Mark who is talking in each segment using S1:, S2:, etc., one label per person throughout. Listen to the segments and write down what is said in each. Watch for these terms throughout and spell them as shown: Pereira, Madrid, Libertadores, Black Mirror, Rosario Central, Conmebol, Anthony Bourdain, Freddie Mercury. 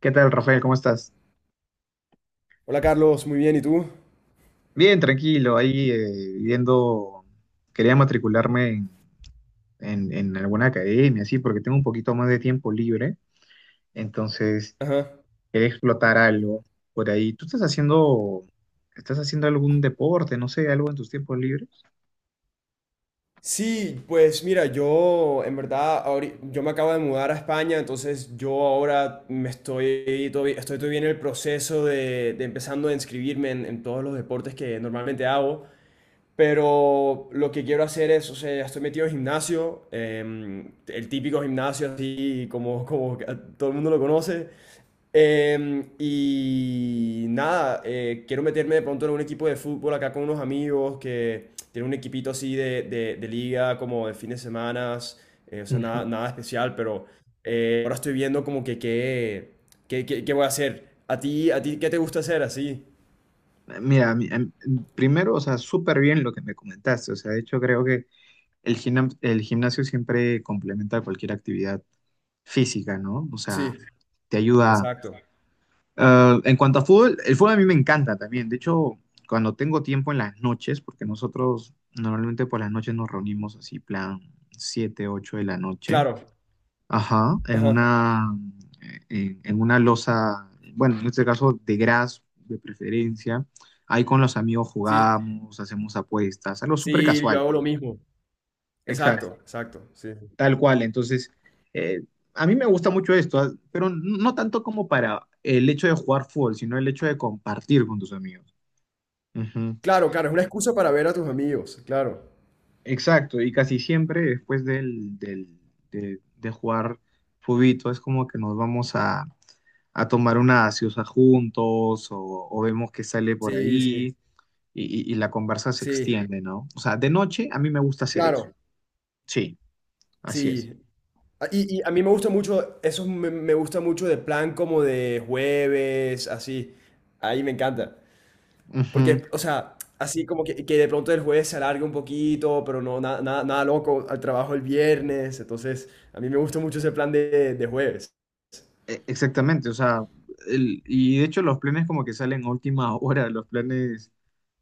S1: ¿Qué tal, Rafael? ¿Cómo estás?
S2: Hola Carlos, muy bien, ¿y tú?
S1: Bien, tranquilo, ahí viendo, quería matricularme en alguna academia, sí, porque tengo un poquito más de tiempo libre, entonces
S2: Ajá.
S1: quería explotar algo por ahí. ¿Tú estás estás haciendo algún deporte, no sé, algo en tus tiempos libres?
S2: Sí, pues mira, yo en verdad, yo me acabo de mudar a España, entonces yo ahora estoy todavía en el proceso de empezando a inscribirme en todos los deportes que normalmente hago. Pero lo que quiero hacer es, o sea, ya estoy metido en gimnasio, el típico gimnasio así como, como que todo el mundo lo conoce. Y nada, quiero meterme de pronto en un equipo de fútbol acá con unos amigos que tienen un equipito así de liga, como de fines de semana, o sea, nada,
S1: Ujú.
S2: nada especial, pero ahora estoy viendo como que qué voy a hacer. A ti qué te gusta hacer así?
S1: Mira, primero, o sea, súper bien lo que me comentaste, o sea, de hecho creo que el gimnasio siempre complementa cualquier actividad física, ¿no? O sea,
S2: Sí,
S1: te ayuda.
S2: exacto.
S1: Ah, en cuanto a fútbol, el fútbol a mí me encanta también. De hecho, cuando tengo tiempo en las noches, porque nosotros normalmente por las noches nos reunimos así, plan 7, 8 de la noche,
S2: Claro.
S1: ajá, en
S2: Ajá.
S1: una, en, en una loza, bueno, en este caso de gras de preferencia. Ahí con los amigos
S2: Sí,
S1: jugamos, hacemos apuestas, algo súper
S2: sí, yo
S1: casual,
S2: hago
S1: ¿no?
S2: lo mismo.
S1: Exacto.
S2: Exacto, exacto, sí, sí.
S1: Tal cual, entonces, eh, a mí me gusta mucho esto, ah, pero no tanto como para el hecho de jugar fútbol, sino el hecho de compartir con tus amigos. Ujú.
S2: Claro, claro, es una excusa para ver a tus amigos, claro.
S1: Exacto, y casi siempre después de jugar fubito es como que nos vamos a tomar una gaseosa juntos o vemos que sale por
S2: Sí, sí,
S1: ahí y la conversa se
S2: sí,
S1: extiende, ¿no? O sea, de noche a mí me gusta hacer eso.
S2: claro,
S1: Sí, así es.
S2: sí. Y a mí me gusta mucho, me gusta mucho de plan como de jueves, así. Ahí me encanta.
S1: Ujú.
S2: Porque, o sea, así como que de pronto el jueves se alargue un poquito, pero no, nada loco, al trabajo el viernes. Entonces, a mí me gusta mucho ese plan de jueves.
S1: Exactamente, o sea, y de hecho los planes como que salen a última hora, los planes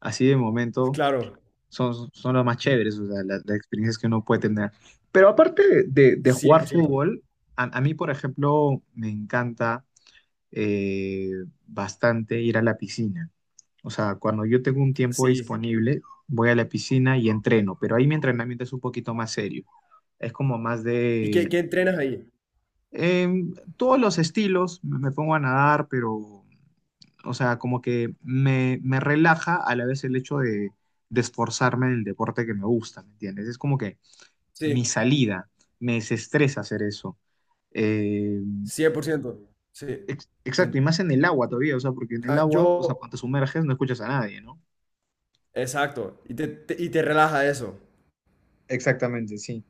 S1: así de momento
S2: Claro,
S1: son, son los más chéveres, o sea, las experiencias que uno puede tener. Pero aparte de
S2: cien
S1: jugar
S2: por ciento.
S1: fútbol, a mí, por ejemplo, me encanta eh, bastante ir a la piscina. O sea, cuando yo tengo un tiempo
S2: Sí.
S1: disponible, voy a la piscina y entreno, pero ahí mi entrenamiento es un poquito más serio. Es como más
S2: ¿Y
S1: de
S2: qué, qué entrenas ahí?
S1: todos los estilos, me pongo a nadar, pero o sea, como que me relaja a la vez el hecho de esforzarme en el deporte que me gusta, ¿me entiendes? Es como que mi
S2: Sí,
S1: salida, me desestresa hacer eso. Eh,
S2: 100%. Sí.
S1: exacto, y
S2: Te-
S1: más en el agua todavía, o sea, porque en el
S2: ah,
S1: agua, o sea,
S2: yo,
S1: cuando te sumerges no escuchas a nadie, ¿no?
S2: exacto. Y te relaja eso.
S1: Exactamente, sí.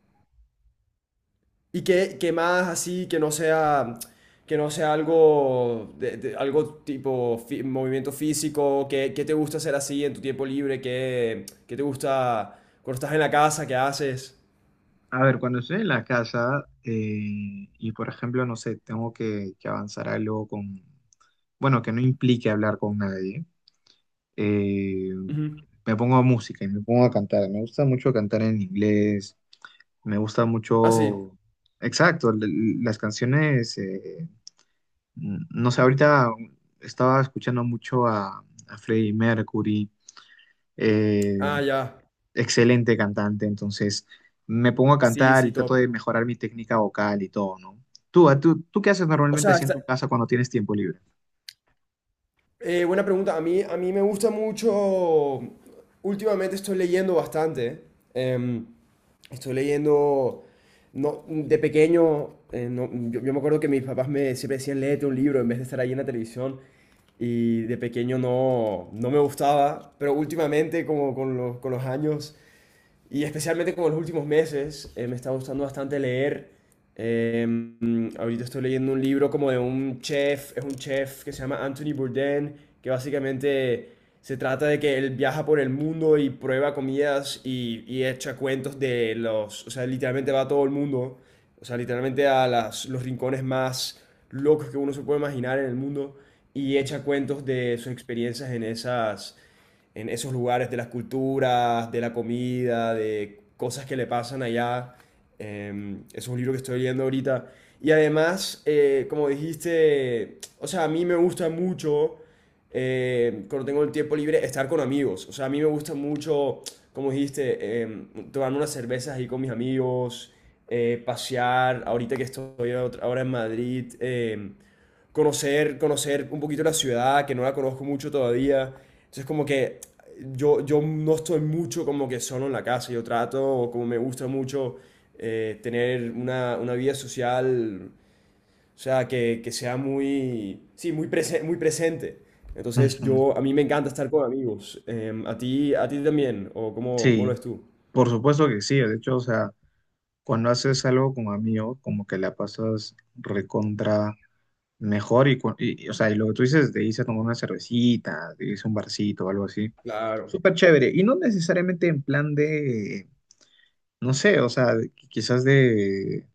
S2: ¿Y qué, qué más así que no sea algo, algo tipo movimiento físico? ¿Qué, qué te gusta hacer así en tu tiempo libre? ¿Qué, qué te gusta cuando estás en la casa? ¿Qué haces?
S1: A ver, cuando estoy en la casa y, por ejemplo, no sé, tengo que avanzar algo con, bueno, que no implique hablar con nadie. eh,
S2: Ujú.
S1: Me pongo a música y me pongo a cantar. Me gusta mucho cantar en inglés, me gusta
S2: Ah, sí.
S1: mucho, exacto, las canciones, no sé, ahorita estaba escuchando mucho a Freddie Mercury, eh,
S2: Ah, ya.
S1: excelente cantante, entonces me pongo a
S2: Sí,
S1: cantar y
S2: sí,
S1: trato
S2: top.
S1: de mejorar mi técnica vocal y todo, ¿no? Tú, ¿tú qué haces
S2: O
S1: normalmente
S2: sea,
S1: así en
S2: está-
S1: tu casa cuando tienes tiempo libre?
S2: Buena pregunta. A mí me gusta mucho. Últimamente estoy leyendo bastante. Em, estoy leyendo. No, de pequeño, yo, yo me acuerdo que mis papás me siempre decían, léete un libro en vez de estar ahí en la televisión. Y de pequeño no, no me gustaba, pero últimamente, como con con los años, y especialmente como en los últimos meses me está gustando bastante leer. Ahorita estoy leyendo un libro como de un chef, es un chef que se llama Anthony Bourdain, que básicamente se trata de que él viaja por el mundo y prueba comidas y echa cuentos de los, o sea, literalmente va a todo el mundo, o sea, literalmente a los rincones más locos que uno se puede imaginar en el mundo y echa cuentos de sus experiencias en esas en esos lugares, de las culturas, de la comida, de cosas que le pasan allá. Es un libro que estoy leyendo ahorita. Y además, como dijiste, o sea, a mí me gusta mucho, cuando tengo el tiempo libre, estar con amigos. O sea, a mí me gusta mucho, como dijiste, eh, tomar unas cervezas ahí con mis amigos, pasear. Ahorita que estoy ahora en Madrid, conocer, conocer un poquito la ciudad, que no la conozco mucho todavía. Entonces, como que yo no estoy mucho como que solo en la casa, yo trato, como me gusta mucho, tener una vida social, o sea, que sea muy, sí, muy, muy presente. Entonces,
S1: Ujú.
S2: yo, a mí me encanta estar con amigos. A ti también? ¿O cómo, cómo lo
S1: Sí,
S2: ves tú?
S1: por supuesto que sí, de hecho, o sea... Cuando haces algo con amigos, como que la pasas recontra mejor y, y, o sea, y lo que tú dices, de irse a tomar una cervecita, de irse a un barcito o algo así,
S2: Claro,
S1: súper chévere. Y no necesariamente en plan de, no sé, o sea, quizás de,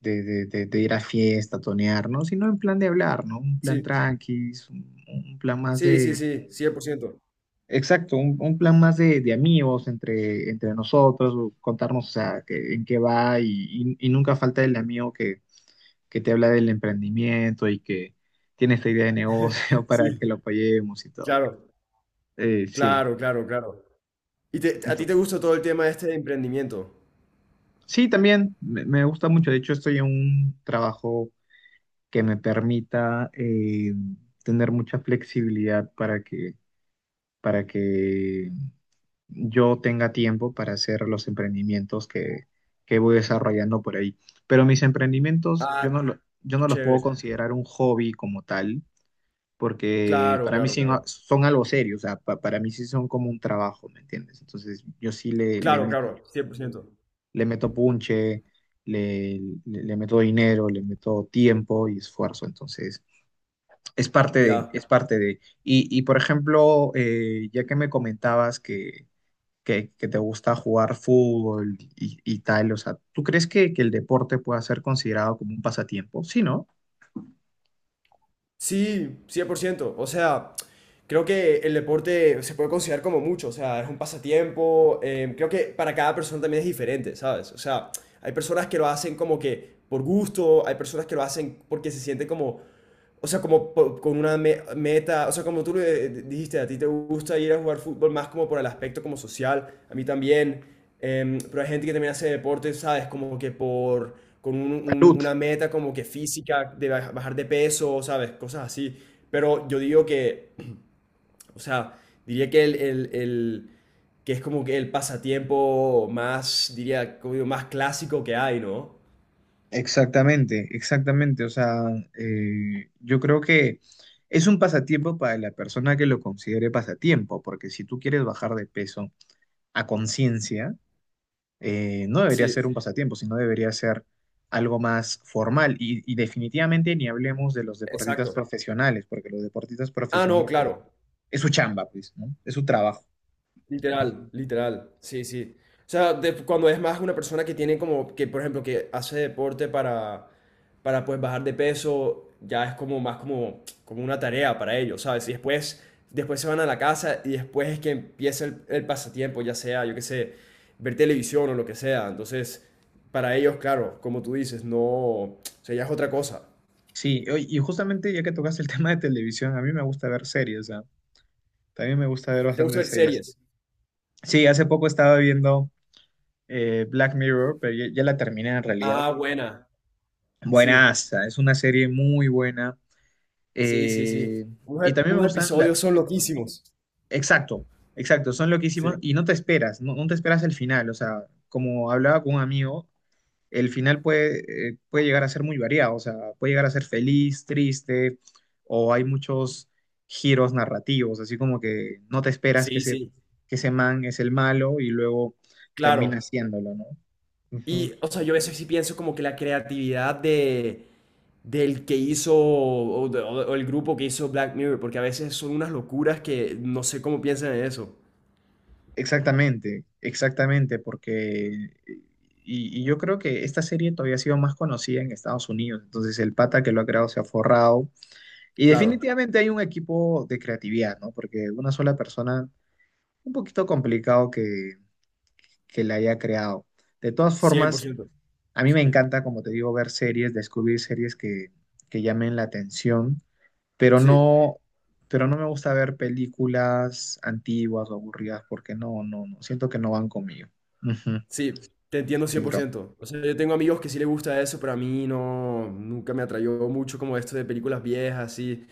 S1: de, de- de- de ir a fiesta, tonear, ¿no? Sino en plan de hablar, ¿no? Un plan
S2: sí,
S1: tranqui, un plan más
S2: sí, sí,
S1: de...
S2: sí, cien por ciento.
S1: Exacto, un plan más de amigos entre nosotros, o contarnos, o sea, en qué va y, y nunca falta el amigo que te habla del emprendimiento y que tiene esta idea de negocio para que
S2: Sí,
S1: lo apoyemos y todo.
S2: claro,
S1: Sí.
S2: claro, claro, claro. ¿Y a ti
S1: Ento-
S2: te gusta todo el tema este de emprendimiento?
S1: sí, también me gusta mucho. De hecho, estoy en un trabajo que me permita tener mucha flexibilidad para que yo tenga tiempo para hacer los emprendimientos que voy desarrollando por ahí. Pero mis emprendimientos,
S2: Ah,
S1: yo no
S2: qué
S1: los puedo
S2: chévere.
S1: considerar un hobby como tal porque
S2: Claro,
S1: para mí
S2: claro, claro.
S1: son algo serio, o sea, para mí sí son como un trabajo, ¿me entiendes? Entonces yo sí
S2: Claro, claro, 100%.
S1: le meto punche, le, le meto dinero, le meto tiempo y esfuerzo, entonces es parte de,
S2: Ya.
S1: es parte de. Y por ejemplo, ya que me comentabas que te gusta jugar fútbol y tal, o sea, ¿tú crees que el deporte pueda ser considerado como un pasatiempo? Sí, ¿no?
S2: Sí, cien por ciento. O sea, creo que el deporte se puede considerar como mucho. O sea, es un pasatiempo. Creo que para cada persona también es diferente, ¿sabes? O sea, hay personas que lo hacen como que por gusto, hay personas que lo hacen porque se sienten como. O sea, como con una meta, o sea, como tú lo dijiste, a ti te gusta ir a jugar fútbol más como por el aspecto como social, a mí también, pero hay gente que también hace deporte, ¿sabes? Como que por, con
S1: Salud.
S2: una meta como que física, de bajar de peso, ¿sabes? Cosas así. Pero yo digo que, o sea, diría que que es como que el pasatiempo más, diría, como digo, más clásico que hay, ¿no?
S1: Exactamente, exactamente. O sea, yo creo que es un pasatiempo para la persona que lo considere pasatiempo, porque si tú quieres bajar de peso a conciencia, no debería
S2: Sí,
S1: ser un pasatiempo, sino debería ser algo más formal. Y definitivamente ni hablemos de los deportistas
S2: exacto.
S1: profesionales, porque los deportistas
S2: Ah, no,
S1: profesionales
S2: claro.
S1: es su chamba, pues, ¿no? Es su trabajo.
S2: Literal, literal, sí, sí. O sea, cuando es más una persona que tiene como, que por ejemplo, que hace deporte para pues bajar de peso, ya es como más como, como una tarea para ellos, ¿sabes? Y después, después se van a la casa y después es que empieza el pasatiempo, ya sea, yo qué sé, ver televisión o lo que sea. Entonces, para ellos, claro, como tú dices, no, o sea, ya es otra cosa.
S1: Sí, oye, y justamente ya que tocaste el tema de televisión, a mí me gusta ver series, o sea, también me gusta ver
S2: ¿Te gusta ver
S1: bastantes series.
S2: series?
S1: Sí, hace poco estaba viendo Black Mirror, pero ya la terminé en realidad.
S2: Ah, buena. Sí,
S1: Buenaza, es una serie muy buena.
S2: sí, sí, sí.
S1: eh,
S2: Unos,
S1: y también me
S2: unos
S1: gustan,
S2: episodios son loquísimos.
S1: exacto, exacto, son lo que hicimos
S2: Sí.
S1: y no te esperas, no te esperas el final. O sea, como hablaba con un amigo, el final puede, puede llegar a ser muy variado, o sea, puede llegar a ser feliz, triste, o hay muchos giros narrativos, así como que no te esperas
S2: Sí, sí,
S1: que ese man es el malo y luego termina
S2: claro.
S1: haciéndolo, ¿no?
S2: Y,
S1: Ujú.
S2: o sea, yo a veces sí pienso como que la creatividad de, del que hizo, o el grupo que hizo Black Mirror, porque a veces son unas locuras que no sé cómo piensan en eso.
S1: Exactamente, exactamente, porque y yo creo que esta serie todavía ha sido más conocida en Estados Unidos, entonces el pata que lo ha creado se ha forrado y
S2: Claro,
S1: definitivamente hay un equipo de creatividad, ¿no? Porque una sola persona, un poquito complicado que la haya creado. De todas
S2: cien por
S1: formas,
S2: ciento.
S1: a mí me
S2: Sí,
S1: encanta, como te digo, ver series, descubrir series que llamen la atención pero
S2: sí,
S1: no, pero no me gusta ver películas antiguas o aburridas porque no siento que no van conmigo. Ujú,
S2: sí, te entiendo cien
S1: mi
S2: por
S1: bro.
S2: ciento. O sea, yo tengo amigos que sí les gusta eso, pero a mí no, nunca me atrayó mucho como esto de películas viejas, así.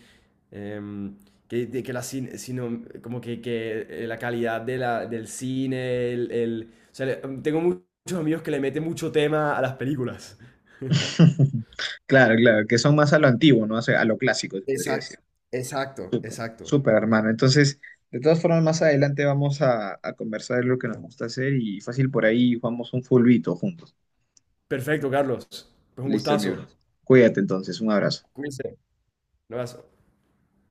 S2: Em, que, de que la sino, como que, la calidad de la, del cine, o sea, tengo muchos amigos que le meten mucho tema a las películas.
S1: Claro, claro, que son más a lo antiguo, ¿no? O sea, a lo clásico, se podría decir.
S2: Exacto, exacto,
S1: Súper,
S2: exacto.
S1: súper, hermano. Entonces, de todas formas, más adelante vamos a conversar de lo que nos gusta hacer y fácil por ahí jugamos un fulbito juntos.
S2: Perfecto, Carlos. Pues un
S1: Listo, mi bro.
S2: gustazo.
S1: Cuídate entonces, un abrazo.
S2: Cuídense. Un abrazo.